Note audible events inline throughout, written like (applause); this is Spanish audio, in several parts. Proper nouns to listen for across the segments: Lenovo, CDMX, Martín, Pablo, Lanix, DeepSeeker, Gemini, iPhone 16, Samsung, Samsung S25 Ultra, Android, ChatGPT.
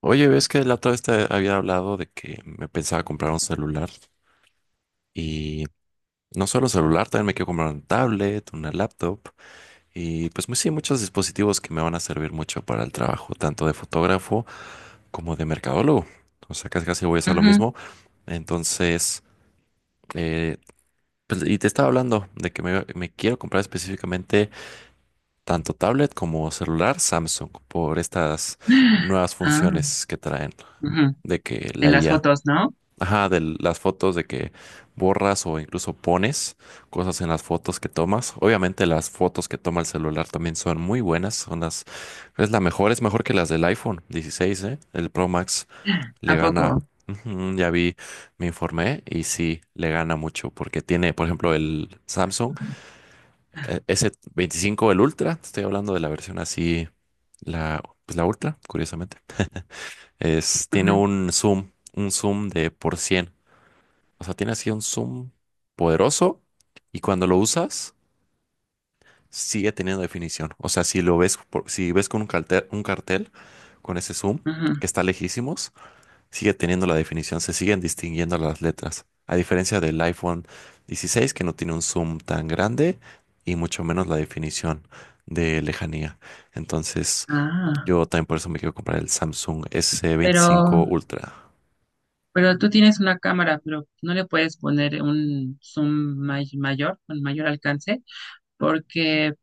Oye, ves que la otra vez te había hablado de que me pensaba comprar un celular y no solo celular, también me quiero comprar un tablet, una laptop y pues sí, muchos dispositivos que me van a servir mucho para el trabajo, tanto de fotógrafo como de mercadólogo. O sea, casi casi voy a hacer lo Ujú. mismo. Entonces, eh, pues, y te estaba hablando de que me quiero comprar específicamente tanto tablet como celular Samsung por estas nuevas Ah, funciones que traen ujú. de que De la las IA. fotos, ¿no? Ajá, de las fotos de que borras o incluso pones cosas en las fotos que tomas. Obviamente las fotos que toma el celular también son muy buenas, es la mejor, es mejor que las del iPhone 16, ¿eh? El Pro Max le ¿A gana. poco? Ujú, ya vi, me informé y sí, le gana mucho porque tiene, por ejemplo, el Samsung S25, el Ultra, te estoy hablando de la versión así, pues la Ultra, curiosamente, tiene Ujú, un zoom de por 100. O sea, tiene así un zoom poderoso y cuando lo usas sigue teniendo definición. O sea, si lo ves, si ves con un cartel con ese zoom que ujú. está lejísimos, sigue teniendo la definición, se siguen distinguiendo las letras. A diferencia del iPhone 16 que no tiene un zoom tan grande y mucho menos la definición de lejanía. Entonces, Ah, yo también por eso me quiero comprar el Samsung pero, S25 Ultra. pero tú tienes una cámara, pero no le puedes poner un zoom mayor, con mayor alcance, porque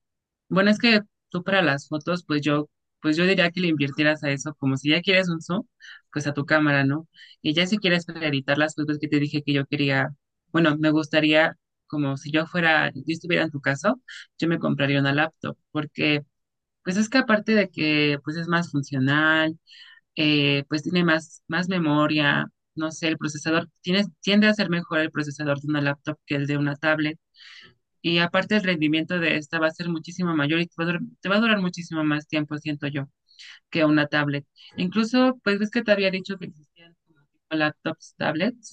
bueno, es que tú para las fotos, pues yo diría que le invirtieras a eso, como si ya quieres un zoom, pues a tu cámara, ¿no? Y ya si quieres para editar las fotos que te dije que yo quería, bueno, me gustaría, como si yo fuera, yo estuviera en tu caso, yo me compraría una laptop, porque pues es que aparte de que pues es más funcional, pues tiene más memoria, no sé, el procesador, tiene, tiende a ser mejor el procesador de una laptop que el de una tablet. Y aparte el rendimiento de esta va a ser muchísimo mayor y te va a durar muchísimo más tiempo, siento yo, que una tablet. Incluso, pues ves que te había dicho que existían como tipo laptops, tablets,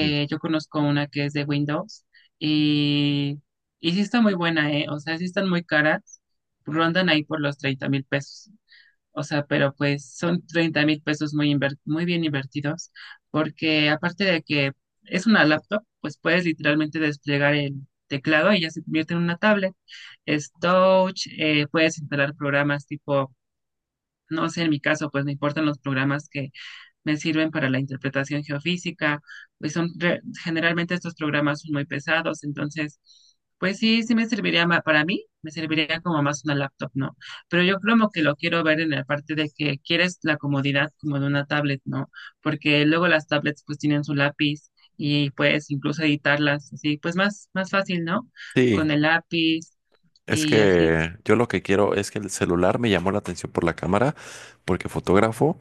Mm. yo conozco una que es de Windows y, y sí está muy buena, ¿eh? O sea, sí están muy caras, rondan ahí por los $30,000. O sea, pero pues son $30,000 muy, muy bien invertidos, porque aparte de que es una laptop, pues puedes literalmente desplegar el teclado y ya se convierte en una tablet. Es touch, puedes instalar programas tipo, no sé, en mi caso, pues me importan los programas que me sirven para la interpretación geofísica, pues son generalmente estos programas son muy pesados, entonces, pues sí, sí me serviría para mí, me serviría como más una laptop, ¿no? Pero yo como que lo quiero ver en la parte de que quieres la comodidad como de una tablet, ¿no? Porque luego las tablets pues tienen su lápiz y puedes incluso editarlas así, pues más fácil, ¿no? Sí, Con el lápiz es y así. que yo lo que quiero es que el celular me llamó la atención por la cámara, porque fotógrafo.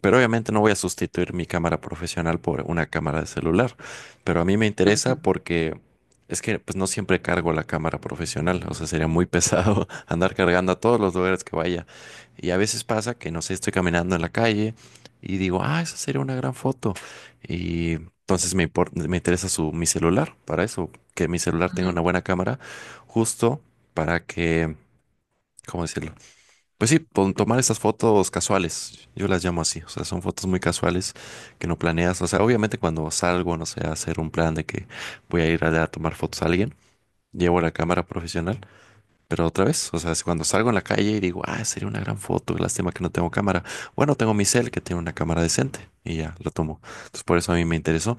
Pero obviamente no voy a sustituir mi cámara profesional por una cámara de celular. Pero a mí me interesa Ujú, porque es que pues no siempre cargo la cámara profesional. O sea, sería muy pesado (laughs) andar cargando a todos los lugares que vaya. Y a veces pasa que, no sé, estoy caminando en la calle y digo, ah, esa sería una gran foto. Y entonces me interesa mi celular para eso, que mi celular tenga ujú, una buena cámara, justo para que, ¿cómo decirlo? Pues sí, tomar estas fotos casuales, yo las llamo así, o sea, son fotos muy casuales que no planeas, o sea, obviamente cuando salgo, no sé, a hacer un plan de que voy a ir allá a tomar fotos a alguien, llevo la cámara profesional, pero otra vez, o sea, es cuando salgo en la calle y digo, ah, sería una gran foto, lástima que no tengo cámara, bueno, tengo mi cel que tiene una cámara decente y ya lo tomo, entonces por eso a mí me interesó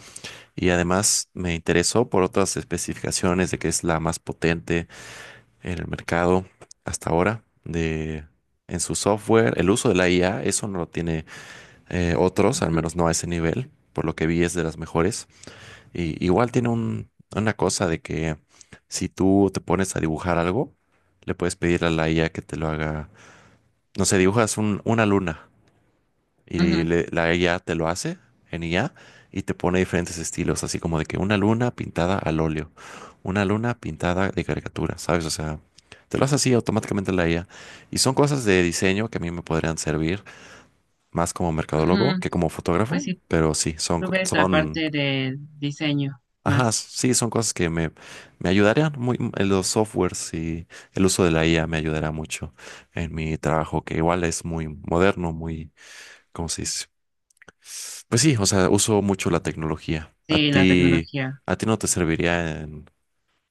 y además me interesó por otras especificaciones de que es la más potente, en el mercado hasta ahora de en su software, el uso de la IA. Eso no lo tiene otros, al ujú, menos no a ese nivel, por lo que vi es de las mejores. Y igual una cosa de que si tú te pones a dibujar algo, le puedes pedir a la IA que te lo haga, no sé, una luna. Y ujú, la IA te lo hace en IA y te pone diferentes estilos, así como de que una luna pintada al óleo, una luna pintada de caricatura, ¿sabes? O sea, te lo hace así automáticamente la IA. Y son cosas de diseño que a mí me podrían servir más como mercadólogo ujú. que como Pues fotógrafo, sí, pero sí, tú ves la parte del diseño ajá, más, sí, son cosas que me ayudarían muy en los softwares y el uso de la IA me ayudará mucho en mi trabajo, que igual es muy moderno, muy, ¿cómo se dice? Pues sí, o sea, uso mucho la tecnología. Sí, la tecnología. A ti no te serviría en,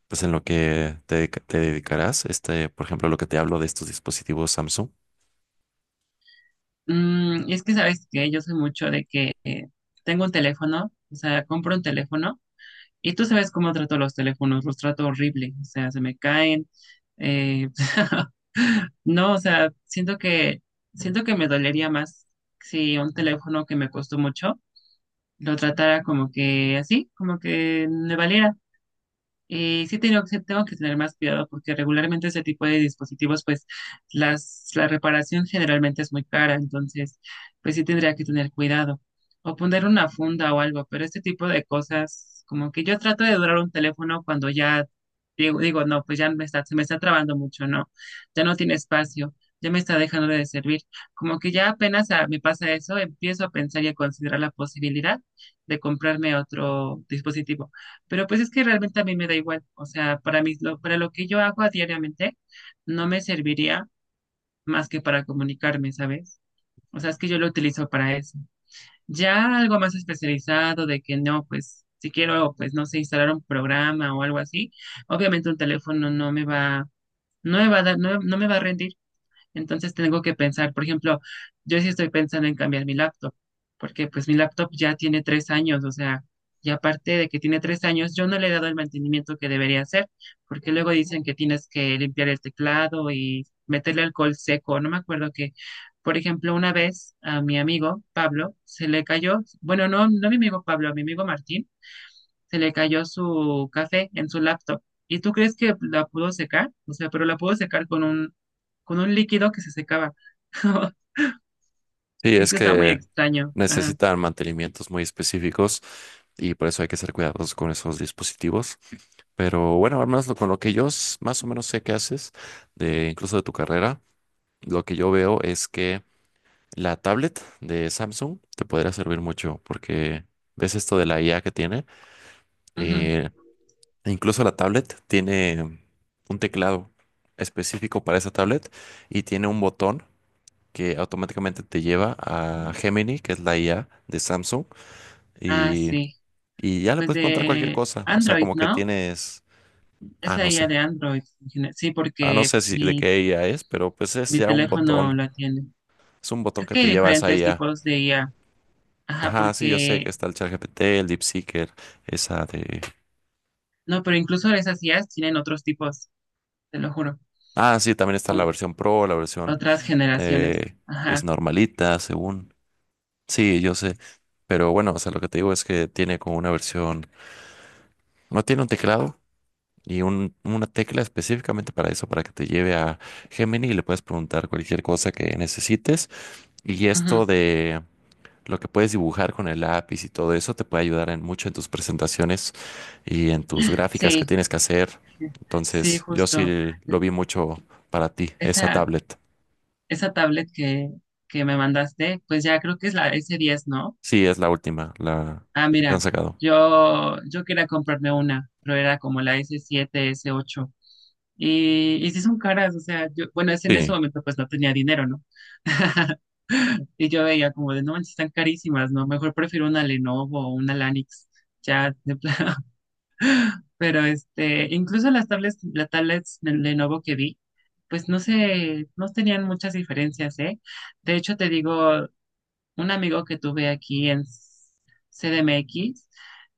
pues en lo que te dedicarás, este, por ejemplo, lo que te hablo de estos dispositivos Samsung. Mm, y es que sabes que yo soy mucho de que tengo un teléfono, o sea, compro un teléfono y tú sabes cómo trato los teléfonos, los trato horrible, o sea, se me caen. eh, (laughs) no, o sea, siento que me dolería más si un teléfono que me costó mucho lo tratara como que así, como que me valiera. Sí tengo que tener más cuidado porque regularmente ese tipo de dispositivos, pues la reparación generalmente es muy cara, entonces pues sí tendría que tener cuidado o poner una funda o algo, pero este tipo de cosas, como que yo trato de durar un teléfono cuando ya digo, no, pues ya se me está trabando mucho, no, ya no tiene espacio, ya me está dejando de servir, como que ya apenas me pasa eso, empiezo a pensar y a considerar la posibilidad de comprarme otro dispositivo pero pues es que realmente a mí me da igual. O sea, para mí, para lo que yo hago a diariamente, no me serviría más que para comunicarme, ¿sabes? O sea, es que yo lo utilizo para eso. Ya algo más especializado de que no, pues si quiero, pues no sé, instalar un programa o algo así, obviamente un teléfono no me va, no me va a dar, no, no me va a rendir. Entonces tengo que pensar, por ejemplo, yo sí estoy pensando en cambiar mi laptop, porque pues mi laptop ya tiene 3 años, o sea, y aparte de que tiene 3 años, yo no le he dado el mantenimiento que debería hacer, porque luego dicen que tienes que limpiar el teclado y meterle alcohol seco, no me acuerdo que, por ejemplo, una vez a mi amigo Pablo se le cayó, bueno, no, no a mi amigo Pablo, a mi amigo Martín se le cayó su café en su laptop. ¿Y tú crees que la pudo secar? O sea, pero la pudo secar con un líquido que se secaba. (laughs) Sí, Es es que está muy que extraño. Ajá. necesitan mantenimientos muy específicos y por eso hay que ser cuidadosos con esos dispositivos. Pero bueno, al menos con lo que yo más o menos sé que haces, de, incluso de tu carrera, lo que yo veo es que la tablet de Samsung te podría servir mucho porque ves esto de la IA que tiene. Ujú. eh, E incluso la tablet tiene un teclado específico para esa tablet y tiene un botón que automáticamente te lleva a Gemini, que es la IA de Samsung, Ah, y, sí. y ya le Pues puedes preguntar cualquier de cosa. O sea, Android, como que ¿no? tienes, Es ah, la no IA sé, de Android en general. Sí, ah, no porque sé si de mi, qué IA es, pero pues es mi ya un teléfono botón, la tiene. es un botón Creo que que hay te lleva a esa diferentes IA. tipos de IA. Ajá, Ajá, sí, yo sé que porque... está el ChatGPT, el DeepSeeker, esa de... No, pero incluso esas IAs tienen otros tipos, te lo juro. Ah, sí, también está la Son versión Pro, la versión otras generaciones. eh, pues Ajá. normalita, según. Sí, yo sé. Pero bueno, o sea, lo que te digo es que tiene como una versión, no tiene un teclado y una tecla específicamente para eso, para que te lleve a Gemini y le puedes preguntar cualquier cosa que necesites. Y Ujú. esto de lo que puedes dibujar con el lápiz y todo eso te puede ayudar en mucho en tus presentaciones y en tus gráficas que Sí, tienes que hacer. sí, Entonces, yo justo. sí lo vi mucho para ti, esa Esa, tablet. esa tablet que me mandaste, pues ya creo que es la S10, ¿no? Sí, es la última, la Ah, que han mira, sacado. yo quería comprarme una, pero era como la S7, S8. Y sí son caras, o sea, yo, bueno, es en ese Sí, momento pues no tenía dinero, ¿no? (laughs) Y yo veía como de, no manches, están carísimas, ¿no? Mejor prefiero una Lenovo o una Lanix, ya de plano. Pero este, incluso las tablets de Lenovo que vi, pues no sé, no tenían muchas diferencias, ¿eh? De hecho, te digo, un amigo que tuve aquí en CDMX,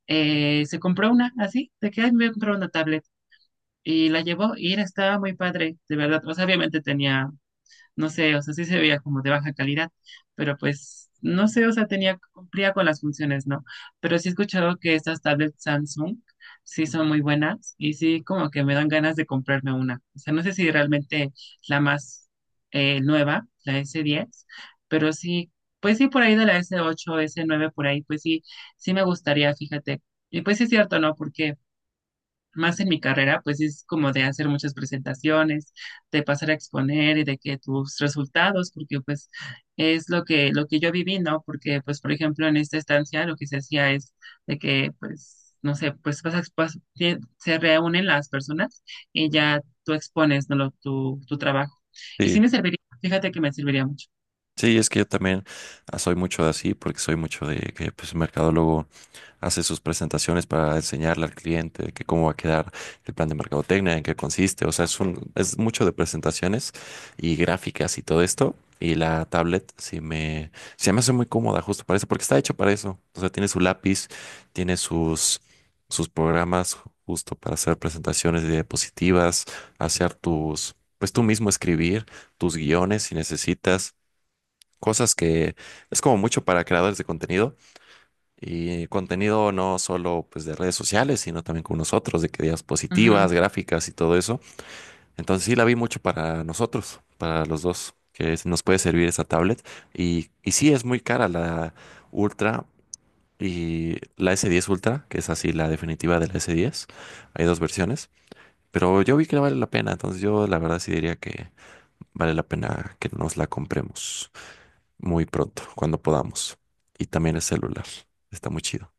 se compró una así, de que "Ay, me compró una tablet y la llevó y estaba muy padre, de verdad". O sea, obviamente tenía no sé, o sea, sí se veía como de baja calidad, pero pues no sé, o sea, tenía, cumplía con las funciones, ¿no? Pero sí he escuchado que estas tablets Samsung sí son muy buenas y sí como que me dan ganas de comprarme una. O sea, no sé si realmente la más nueva, la S10, pero sí, pues sí por ahí de la S8, S9, por ahí, pues sí, sí me gustaría, fíjate. Y pues sí es cierto, ¿no? Porque más en mi carrera, pues es como de hacer muchas presentaciones, de pasar a exponer y de que tus resultados, porque pues es lo que yo viví, ¿no? Porque pues, por ejemplo, en esta estancia lo que se hacía es de que pues... No sé, pues vas a se reúnen las personas y ya tú expones, ¿no? Tu trabajo. Y sí. sí me serviría, fíjate que me serviría mucho. Sí, es que yo también ah, soy mucho de así, porque soy mucho de que pues, el mercadólogo hace sus presentaciones para enseñarle al cliente que cómo va a quedar el plan de mercadotecnia, en qué consiste. O sea, es mucho de presentaciones y gráficas y todo esto. Y la tablet sí me, se me hace muy cómoda justo para eso, porque está hecho para eso. O sea, tiene su lápiz, tiene sus, sus programas justo para hacer presentaciones de diapositivas, hacer tus, pues tú mismo escribir tus guiones si necesitas cosas que es como mucho para creadores de contenido y contenido no solo pues de redes sociales, sino también con nosotros, de que diapositivas, gráficas y todo eso. Entonces sí la vi mucho para nosotros, para los dos, nos puede servir esa tablet. Y sí es muy cara la Ultra y la S10 Ultra, que es así la definitiva de la S10. Hay 2 versiones. Pero yo vi que vale la pena, entonces yo la verdad sí diría que vale la pena que nos la compremos muy pronto, cuando podamos. Y también el celular. Está muy chido.